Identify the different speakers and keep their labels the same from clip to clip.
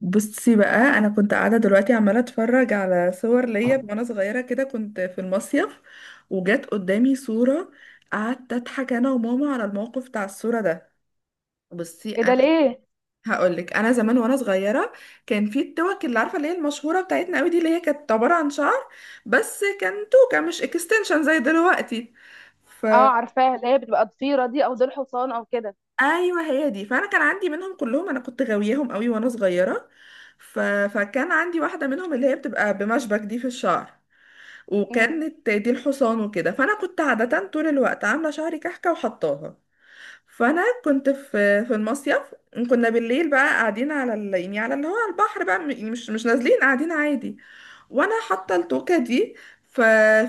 Speaker 1: بصي بقى، انا كنت قاعده دلوقتي عماله اتفرج على صور ليا وانا صغيره كده، كنت في المصيف وجت قدامي صوره. قعدت اضحك انا وماما على الموقف بتاع الصوره ده. بصي
Speaker 2: ايه ده
Speaker 1: انا
Speaker 2: ليه؟
Speaker 1: هقولك، انا زمان وانا صغيره كان في التوك اللي عارفه، اللي هي المشهوره بتاعتنا قوي دي، اللي هي كانت عباره عن شعر، بس كان توكه مش اكستنشن زي دلوقتي. ف
Speaker 2: اه، عارفاها، اللي هي بتبقى ضفيره دي او ديل حصان او كده.
Speaker 1: ايوه هي دي، فانا كان عندي منهم كلهم، انا كنت غاوياهم قوي وانا صغيره. ف... فكان عندي واحده منهم اللي هي بتبقى بمشبك دي في الشعر،
Speaker 2: امم.
Speaker 1: وكانت دي الحصان وكده. فانا كنت عاده طول الوقت عامله شعري كحكه وحطاها. فانا كنت في المصيف، كنا بالليل بقى قاعدين على يعني على اللي هو على البحر بقى، يعني مش نازلين، قاعدين عادي، وانا حاطه التوكه دي. ف...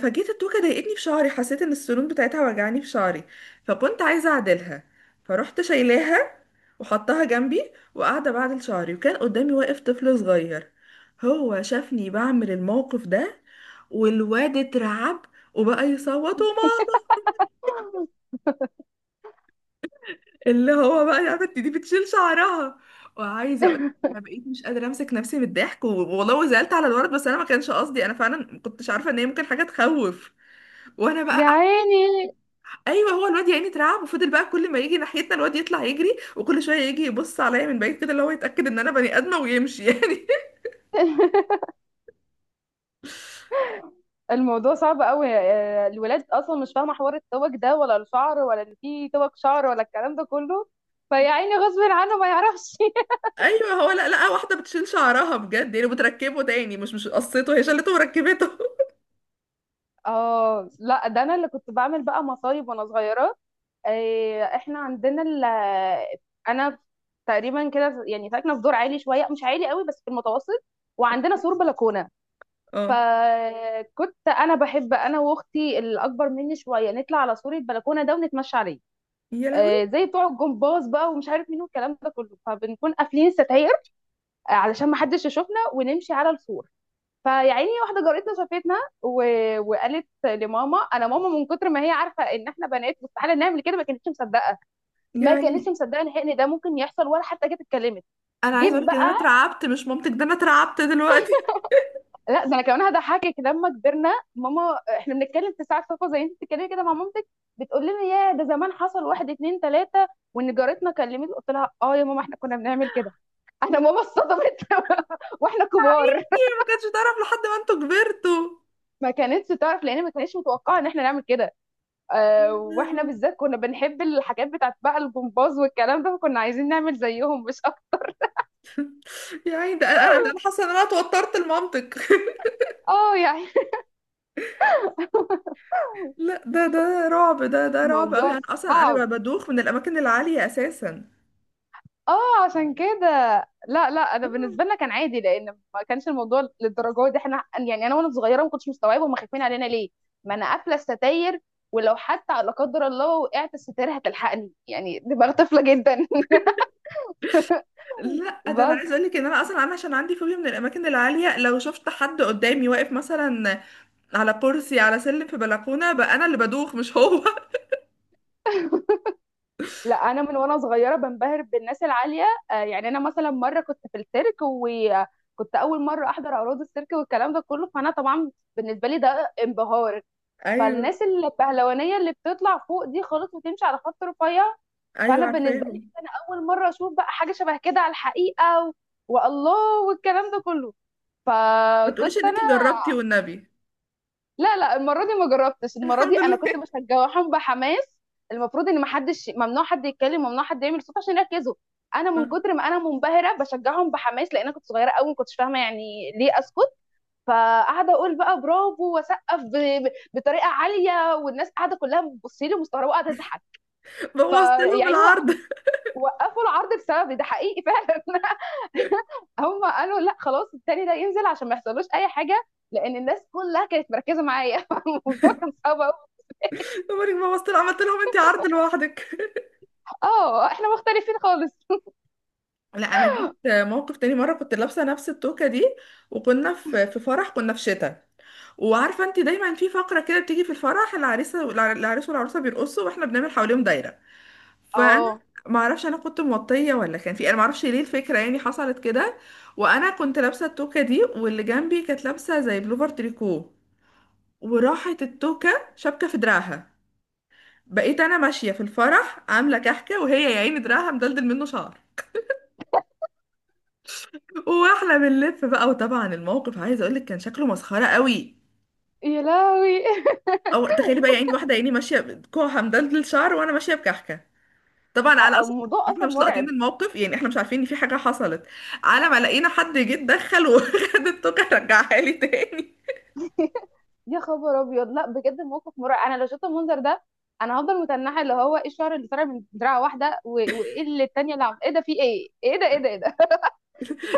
Speaker 1: فجيت التوكه ضايقتني في شعري، حسيت ان السنون بتاعتها وجعاني في شعري، فكنت عايزه اعدلها. فرحت شايلاها وحطها جنبي وقاعده بعدل شعري، وكان قدامي واقف طفل صغير. هو شافني بعمل الموقف ده والواد اترعب وبقى يصوت وماما، اللي هو بقى يا بنتي دي بتشيل شعرها. وعايزه اقول لك انا بقيت مش قادره امسك نفسي من الضحك والله، وزعلت على الولد بس انا ما كانش قصدي، انا فعلا ما كنتش عارفه ان هي ممكن حاجه تخوف. وانا بقى
Speaker 2: يا عيني،
Speaker 1: ايوه، هو الواد يعني اترعب وفضل بقى كل ما يجي ناحيتنا الواد يطلع يجري، وكل شويه يجي يبص عليا من بعيد كده، اللي هو يتاكد ان انا بني ادمه ويمشي يعني.
Speaker 2: الموضوع صعب قوي. الولاد اصلا مش فاهمه حوار التوك ده، ولا الشعر، ولا ان في توك شعر، ولا الكلام ده كله. فيا عيني، غصب عنه ما يعرفش
Speaker 1: ايوه هو، لا لا، واحده بتشيل شعرها بجد يعني بتركبه تاني، مش قصته، هي شالته وركبته
Speaker 2: اه لا، ده انا اللي كنت بعمل بقى مصايب وانا صغيره. آه، احنا عندنا ال آه، انا تقريبا كده يعني ساكنه في دور عالي شويه، مش عالي قوي بس في المتوسط، وعندنا سور بلكونه.
Speaker 1: اه
Speaker 2: فكنت انا بحب، انا واختي الاكبر مني شويه، نطلع على سور البلكونه ده ونتمشى عليه،
Speaker 1: يا لهوي.
Speaker 2: زي بتوع الجمباز بقى ومش عارف مين والكلام ده كله. فبنكون قافلين الستاير علشان ما حدش يشوفنا ونمشي على السور. فيا عيني، واحده جارتنا شافتنا و... وقالت لماما. انا ماما من كتر ما هي عارفه ان احنا بنات مستحيل نعمل كده، ما كانتش مصدقه. ما
Speaker 1: يعني
Speaker 2: كانتش مصدقه نهائي ان ده ممكن يحصل، ولا حتى جت اتكلمت.
Speaker 1: انا عايزه
Speaker 2: جيب
Speaker 1: اقول لك ان انا
Speaker 2: بقى.
Speaker 1: اترعبت، مش مامتك، ده انا اترعبت دلوقتي.
Speaker 2: لا ده انا كمان هضحكك. لما كبرنا، ماما، احنا بنتكلم في ساعه صفا زي انت بتتكلمي كده مع مامتك، بتقول لنا: يا ده زمان حصل واحد اتنين تلاته. وان جارتنا كلمت، قلت لها: اه يا ماما احنا كنا بنعمل كده. انا ماما اتصدمت واحنا كبار.
Speaker 1: يا ما كانش تعرف لحد ما انتوا كبرتوا.
Speaker 2: ما كانتش تعرف لان ما كانتش متوقعه ان احنا نعمل كده. اه،
Speaker 1: يا
Speaker 2: واحنا
Speaker 1: لهوي.
Speaker 2: بالذات كنا بنحب الحاجات بتاعت بقى الجمباز والكلام ده، فكنا عايزين نعمل زيهم مش اكتر.
Speaker 1: يا عيني، ده انا انا أنا حاسه ان انا توترت المنطق
Speaker 2: اه يعني
Speaker 1: لا ده رعب، ده رعب قوي،
Speaker 2: الموضوع
Speaker 1: انا اصلا انا
Speaker 2: صعب.
Speaker 1: بدوخ من الاماكن العاليه اساسا.
Speaker 2: اه عشان كده. لا لا، انا
Speaker 1: آه.
Speaker 2: بالنسبه لنا كان عادي، لان ما كانش الموضوع للدرجه دي. احنا يعني انا وانا صغيره ما كنتش مستوعبه هم خايفين علينا ليه. ما انا قافله الستاير، ولو حتى لا قدر الله وقعت الستاير هتلحقني. يعني دماغ طفله جدا
Speaker 1: لا ده انا
Speaker 2: بس
Speaker 1: عايزه اقول لك ان انا اصلا انا عشان عندي فوبيا من الاماكن العاليه، لو شفت حد قدامي واقف مثلا على كرسي، على سلم، في بلكونه بقى، انا اللي بدوخ مش هو
Speaker 2: لا، انا من وانا صغيره بنبهر بالناس العاليه. يعني انا مثلا مره كنت في السيرك، وكنت اول مره احضر عروض السيرك والكلام ده كله. فانا طبعا بالنسبه لي ده انبهار.
Speaker 1: ايوه،
Speaker 2: فالناس البهلوانيه اللي بتطلع فوق دي خالص وتمشي على خط رفيع،
Speaker 1: ايوه
Speaker 2: فانا بالنسبه لي كده
Speaker 1: عارفاهم.
Speaker 2: انا اول مره اشوف بقى حاجه شبه كده على الحقيقه والله والكلام ده كله.
Speaker 1: ما تقوليش
Speaker 2: فكنت
Speaker 1: ان
Speaker 2: انا
Speaker 1: انت جربتي والنبي.
Speaker 2: لا لا، المره دي ما جربتش. المره دي
Speaker 1: الحمد
Speaker 2: انا كنت
Speaker 1: لله.
Speaker 2: مشجعهم بحماس. المفروض ان ما حدش ممنوع حد يتكلم، ممنوع حد يعمل صوت عشان يركزوا. انا من كتر ما انا منبهره بشجعهم بحماس، لان انا كنت صغيره قوي ما كنتش فاهمه يعني ليه اسكت. فقاعده اقول بقى برافو واسقف بطريقه عاليه، والناس قاعده كلها بتبص لي مستغربه وقاعده تضحك.
Speaker 1: بوظت لهم
Speaker 2: فيعني
Speaker 1: العرض.
Speaker 2: وقفوا العرض بسببي، ده حقيقي فعلا هم قالوا لا خلاص، التاني ده ينزل عشان ما يحصلوش اي حاجه، لان الناس كلها كانت مركزه معايا الموضوع كان صعب قوي.
Speaker 1: عمرك ما بصت، عملت لهم انت عرض لوحدك.
Speaker 2: اه احنا مختلفين خالص.
Speaker 1: لا انا جيت موقف تاني. مره كنت لابسه نفس التوكه دي، وكنا في فرح، كنا في شتاء. وعارفه انت دايما في فقره كده بتيجي في الفرح، العريسه العريس والعروسه بيرقصوا واحنا بنعمل حواليهم دايره. فانا
Speaker 2: اه
Speaker 1: ما اعرفش، انا كنت موطيه، ولا كان في، انا ما اعرفش ليه الفكره يعني حصلت كده. وانا كنت لابسه التوكه دي، واللي جنبي كانت لابسه زي بلوفر تريكو، وراحت التوكه شبكه في دراعها. بقيت انا ماشيه في الفرح عامله كحكه، وهي يا عيني دراعها مدلدل منه شعر، واحنا بنلف بقى. وطبعا الموقف عايزه اقول لك كان شكله مسخره قوي.
Speaker 2: يا لهوي
Speaker 1: او تخيلي بقى، يعني واحده عيني ماشيه بكوعها مدلدل شعر، وانا ماشيه بكحكه. طبعا على اصلا،
Speaker 2: الموضوع
Speaker 1: احنا
Speaker 2: اصلا
Speaker 1: مش لاقطين
Speaker 2: مرعب.
Speaker 1: الموقف، يعني احنا مش عارفين ان في حاجه حصلت، على ما لقينا حد جه اتدخل وخد التوكه رجعها لي تاني.
Speaker 2: يا خبر ابيض، لا بجد الموقف مرعب. انا لو شفت المنظر ده انا هفضل متنحه، اللي هو ايه الشعر اللي طالع من دراعه واحده، وايه اللي التانيه اللي ايه ده؟ في ايه؟ ايه ده، ايه ده، ايه ده.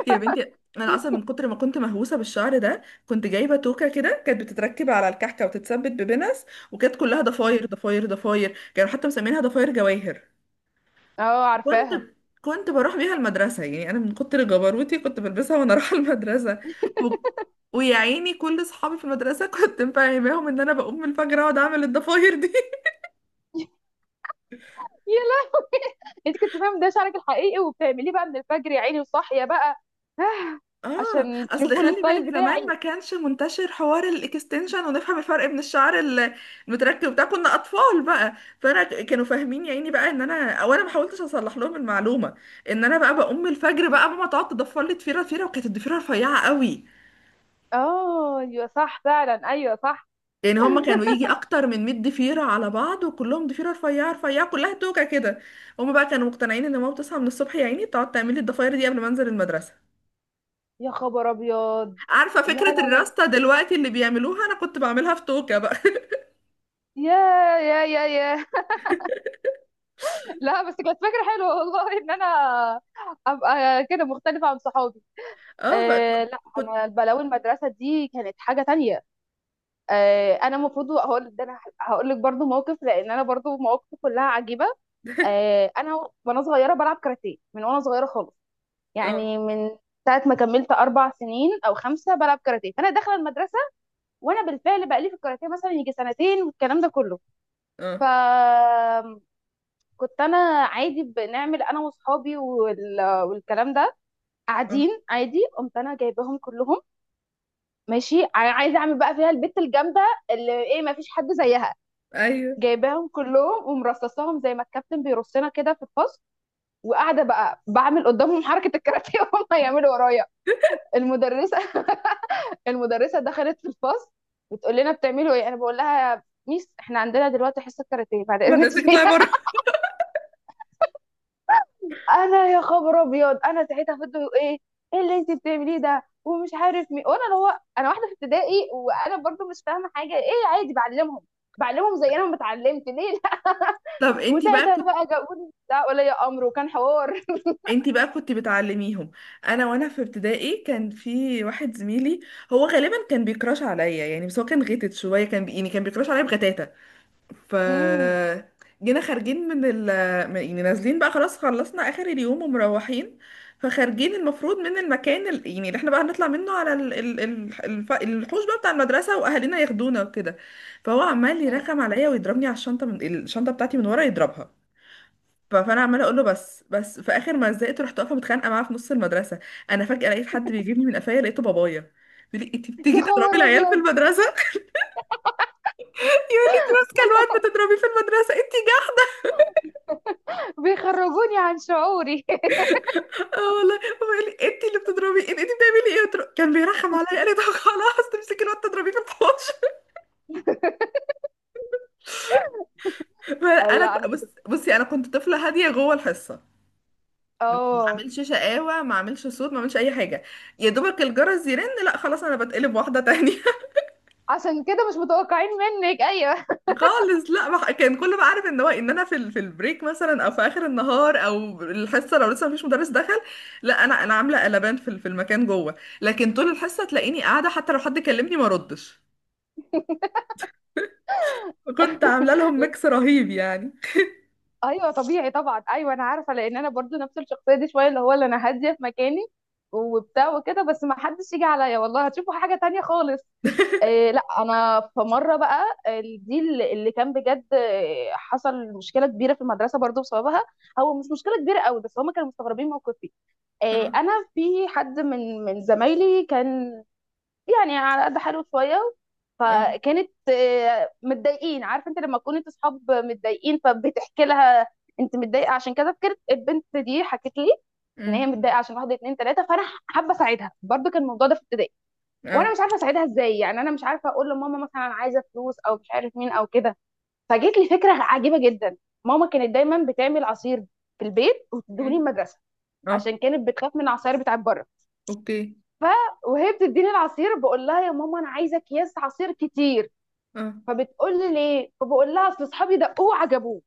Speaker 1: يا بنتي، انا اصلا من كتر ما كنت مهووسه بالشعر ده، كنت جايبه توكه كده كانت بتتركب على الكحكه وتتثبت ببنس، وكانت كلها ضفاير
Speaker 2: مم.
Speaker 1: ضفاير ضفاير، كانوا حتى مسمينها ضفاير جواهر.
Speaker 2: اه
Speaker 1: كنت
Speaker 2: عارفاها.
Speaker 1: كنت بروح بيها المدرسة. يعني أنا من كتر جبروتي كنت بلبسها وأنا رايحة المدرسة. و... ويا عيني، كل صحابي في المدرسة كنت مفهماهم إن أنا بقوم من الفجر أقعد أعمل الضفاير دي
Speaker 2: يا لا! انت كنت فاهم ده شعرك الحقيقي وبتعمليه بقى من الفجر يا عيني وصاحيه بقى
Speaker 1: آه،
Speaker 2: عشان
Speaker 1: أصل
Speaker 2: تشوفوا
Speaker 1: خلي
Speaker 2: الستايل
Speaker 1: بالك زمان
Speaker 2: بتاعي.
Speaker 1: ما كانش منتشر حوار الإكستنشن ونفهم الفرق بين المتركب بتاع، كنا أطفال بقى. فأنا كانوا فاهمين يا عيني بقى إن أنا ما حاولتش أصلح لهم المعلومة إن أنا بقى بقوم من الفجر، بقى ماما تقعد تضفر لي ضفيرة ضفيرة، وكانت الضفيرة رفيعة قوي.
Speaker 2: اه ايوه صح فعلا، ايوه صح.
Speaker 1: يعني هما كانوا يجي اكتر من 100 ضفيره على بعض، وكلهم ضفيره رفيعه رفيعه كلها توكه كده. هما بقى كانوا مقتنعين ان ماما بتصحى من الصبح يا عيني تقعد تعمل لي الضفاير دي قبل ما انزل المدرسه.
Speaker 2: يا خبر ابيض.
Speaker 1: عارفه
Speaker 2: لا
Speaker 1: فكره
Speaker 2: لا لا.
Speaker 1: الراسته دلوقتي اللي بيعملوها، انا كنت بعملها في توكه بقى
Speaker 2: يا يا يا يا لا بس كانت فكره حلوه والله، ان انا ابقى كده مختلفه عن صحابي.
Speaker 1: اه بقى،
Speaker 2: آه
Speaker 1: كنت
Speaker 2: لا،
Speaker 1: كنت
Speaker 2: انا البلاوي المدرسه دي كانت حاجه تانية. آه، انا المفروض هقول ده، انا هقول لك برضو موقف، لان انا برضو مواقفي كلها عجيبه. آه، انا وانا صغيره بلعب كاراتيه من وانا صغيره خالص.
Speaker 1: اه
Speaker 2: يعني من ساعه ما كملت 4 سنين او 5، بلعب كاراتيه انا داخله المدرسه. وانا بالفعل بقالي في الكاراتيه مثلا يجي سنتين والكلام ده كله. ف
Speaker 1: اه
Speaker 2: كنت انا عادي بنعمل انا واصحابي والكلام ده،
Speaker 1: اه،
Speaker 2: قاعدين عادي. قمت انا جايباهم كلهم، ماشي، عايزه اعمل بقى فيها البت الجامده اللي ايه ما فيش حد زيها.
Speaker 1: ايوه
Speaker 2: جايباهم كلهم ومرصصاهم زي ما الكابتن بيرصنا كده في الفصل، وقاعده بقى بعمل قدامهم حركه الكاراتيه وهم يعملوا ورايا. المدرسه المدرسه دخلت في الفصل، بتقول لنا: بتعملوا ايه؟ انا بقول لها: ميس احنا عندنا دلوقتي حصه كاراتيه بعد اذنك
Speaker 1: مدرستك
Speaker 2: سيبينا
Speaker 1: تطلعي بره.
Speaker 2: انا يا خبر ابيض انا ساعتها فضلت: يقولوا ايه؟ ايه اللي انت بتعمليه ده ومش عارف مين؟ وانا اللي هو انا واحده في ابتدائي وانا برضو مش فاهمه حاجه، ايه عادي بعلمهم. زي انا ما اتعلمت، ليه لا؟
Speaker 1: طب انتي بقى
Speaker 2: وساعتها
Speaker 1: كنت،
Speaker 2: بقى جابوني لا ولا يا امر، وكان حوار
Speaker 1: انتي بقى كنت بتعلميهم. انا وانا في ابتدائي كان في واحد زميلي، هو غالبا كان بيكراش عليا يعني، بس هو كان غيتت شويه، كان يعني كان بيكراش عليا بغتاتة. ف
Speaker 2: امم.
Speaker 1: جينا خارجين من يعني نازلين بقى، خلاص خلصنا اخر اليوم ومروحين. فخارجين المفروض من المكان يعني اللي احنا بقى هنطلع منه على الحوش بقى بتاع المدرسة واهالينا ياخدونا وكده. فهو عمال يرخم عليا ويضربني على الشنطة، من الشنطة بتاعتي من ورا يضربها. فانا عماله اقول له بس بس، في اخر ما زهقت رحت واقفه متخانقه معاه في نص المدرسه. انا فجاه لقيت حد بيجيبني من قفايا، لقيته بابايا بيقول لي انت
Speaker 2: يا
Speaker 1: بتيجي تضربي
Speaker 2: خبر
Speaker 1: العيال في
Speaker 2: ابيض،
Speaker 1: المدرسه يقول لي انت ماسكه الواد بتضربيه في المدرسه انت.
Speaker 2: بيخرجوني عن شعوري
Speaker 1: اه والله، هو قال لي انت اللي بتضربي، انت بتعملي ايه؟ قلت له، كان بيرخم عليا، قال لي طب خلاص، تمسكي الواد تضربيه في الحوش فانا
Speaker 2: لا انا كنت
Speaker 1: بص، بصي انا كنت طفله هاديه جوه الحصه، ما
Speaker 2: اه
Speaker 1: اعملش شقاوه، ما اعملش صوت، ما اعملش اي حاجه. يا دوبك الجرس يرن، لا خلاص انا بتقلب واحده تانية
Speaker 2: عشان كده مش متوقعين منك، ايوه.
Speaker 1: خالص لا، كان كله بقى عارف ان هو ان انا في في البريك مثلا، او في اخر النهار، او الحصه لو لسه مفيش مدرس دخل، لا انا انا عامله قلبان في في المكان جوه. لكن طول الحصه تلاقيني قاعده، حتى لو حد كلمني ما ردش. كنت عامله لهم ميكس رهيب يعني.
Speaker 2: ايوه طبيعي طبعا، ايوه انا عارفه، لان انا برضو نفس الشخصيه دي شويه، اللي هو اللي انا هاديه في مكاني وبتاع وكده، بس ما حدش يجي عليا والله هتشوفوا حاجه تانية خالص. إيه، لا انا في مره بقى دي اللي كان بجد حصل مشكله كبيره في المدرسه برضو بسببها. هو مش مشكله كبيره قوي، بس هم كانوا مستغربين موقفي. إيه،
Speaker 1: اه،
Speaker 2: انا في حد من زمايلي كان يعني على قد حاله شويه.
Speaker 1: اه،
Speaker 2: فكانت متضايقين. عارف انت لما تكون انت اصحاب متضايقين فبتحكي لها انت متضايقه عشان كذا. فكرت البنت دي حكت لي ان هي
Speaker 1: أم،
Speaker 2: متضايقه عشان واحد اتنين تلاته. فانا حابه اساعدها برضو. كان الموضوع ده في ابتدائي، وانا
Speaker 1: اه،
Speaker 2: مش عارفه اساعدها ازاي. يعني انا مش عارفه اقول لماما مثلا انا عايزه فلوس او مش عارف مين او كده. فجت لي فكره عجيبه جدا. ماما كانت دايما بتعمل عصير في البيت وتدهوني
Speaker 1: أم،
Speaker 2: المدرسه
Speaker 1: اه،
Speaker 2: عشان كانت بتخاف من العصاير بتاعت بره.
Speaker 1: اوكي،
Speaker 2: ف وهي بتديني العصير بقول لها: يا ماما انا عايزه اكياس عصير كتير.
Speaker 1: اه،
Speaker 2: فبتقول لي ليه؟ فبقول لها: اصل اصحابي دقوه وعجبوه.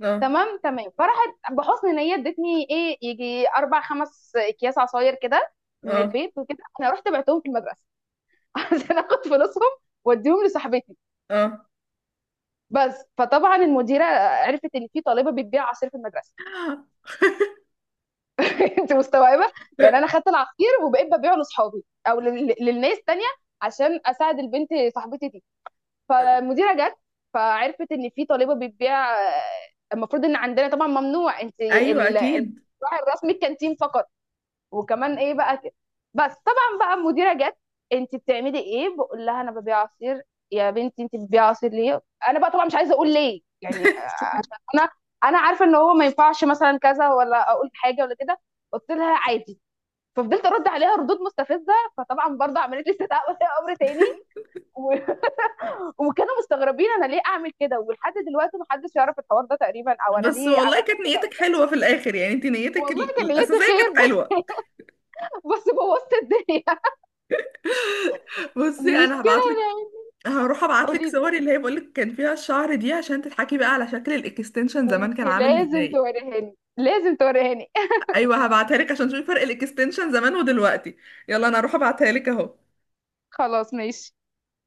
Speaker 1: اه،
Speaker 2: تمام تمام. فراحت بحسن نيه ادتني ايه يجي 4 5 اكياس عصاير كده من
Speaker 1: اه،
Speaker 2: البيت، وكده انا رحت بعتهم في المدرسه عشان اخد فلوسهم واديهم لصاحبتي.
Speaker 1: اه
Speaker 2: بس فطبعا المديره عرفت ان في طالبه بتبيع عصير في المدرسه انت مستوعبه؟ يعني انا خدت العصير وبقيت ببيعه لاصحابي او للناس تانية عشان اساعد البنت صاحبتي. فالمديره جت فعرفت ان في طالبه بتبيع المفروض ان عندنا طبعا ممنوع، انت
Speaker 1: ايوه اكيد.
Speaker 2: الراعي الرسمي الكانتين فقط، وكمان ايه بقى كده. بس طبعا بقى المديره جت: انت بتعملي ايه؟ بقول لها: انا ببيع عصير. يا بنتي انت بتبيع عصير ليه؟ انا بقى طبعا مش عايزه اقول ليه يعني. انا انا عارفه ان هو ما ينفعش مثلا كذا، ولا اقول حاجه ولا كده. قلت لها عادي. ففضلت ارد عليها ردود مستفزه، فطبعا برضه عملت لي استدعاء ولي امر تاني. وكانوا مستغربين انا ليه اعمل كده، ولحد دلوقتي محدش يعرف الحوار ده تقريبا، او انا
Speaker 1: بس
Speaker 2: ليه
Speaker 1: والله
Speaker 2: عملت
Speaker 1: كانت
Speaker 2: كده او
Speaker 1: نيتك
Speaker 2: كده.
Speaker 1: حلوه في الاخر، يعني انت نيتك
Speaker 2: والله كان نيتي
Speaker 1: الاساسيه
Speaker 2: خير
Speaker 1: كانت حلوه.
Speaker 2: بس. بس بوظت الدنيا.
Speaker 1: بصي
Speaker 2: مش
Speaker 1: انا
Speaker 2: كده
Speaker 1: هبعتلك،
Speaker 2: يعني؟
Speaker 1: هروح ابعتلك
Speaker 2: قولي،
Speaker 1: صوري اللي هي بقولك كان فيها الشعر دي، عشان تضحكي بقى على شكل الاكستنشن زمان كان
Speaker 2: انت
Speaker 1: عامل
Speaker 2: لازم
Speaker 1: ازاي.
Speaker 2: توريهاني لازم توريهاني
Speaker 1: ايوه هبعتها لك عشان تشوفي فرق الاكستنشن زمان ودلوقتي. يلا انا هروح ابعتها لك اهو.
Speaker 2: خلاص ماشي.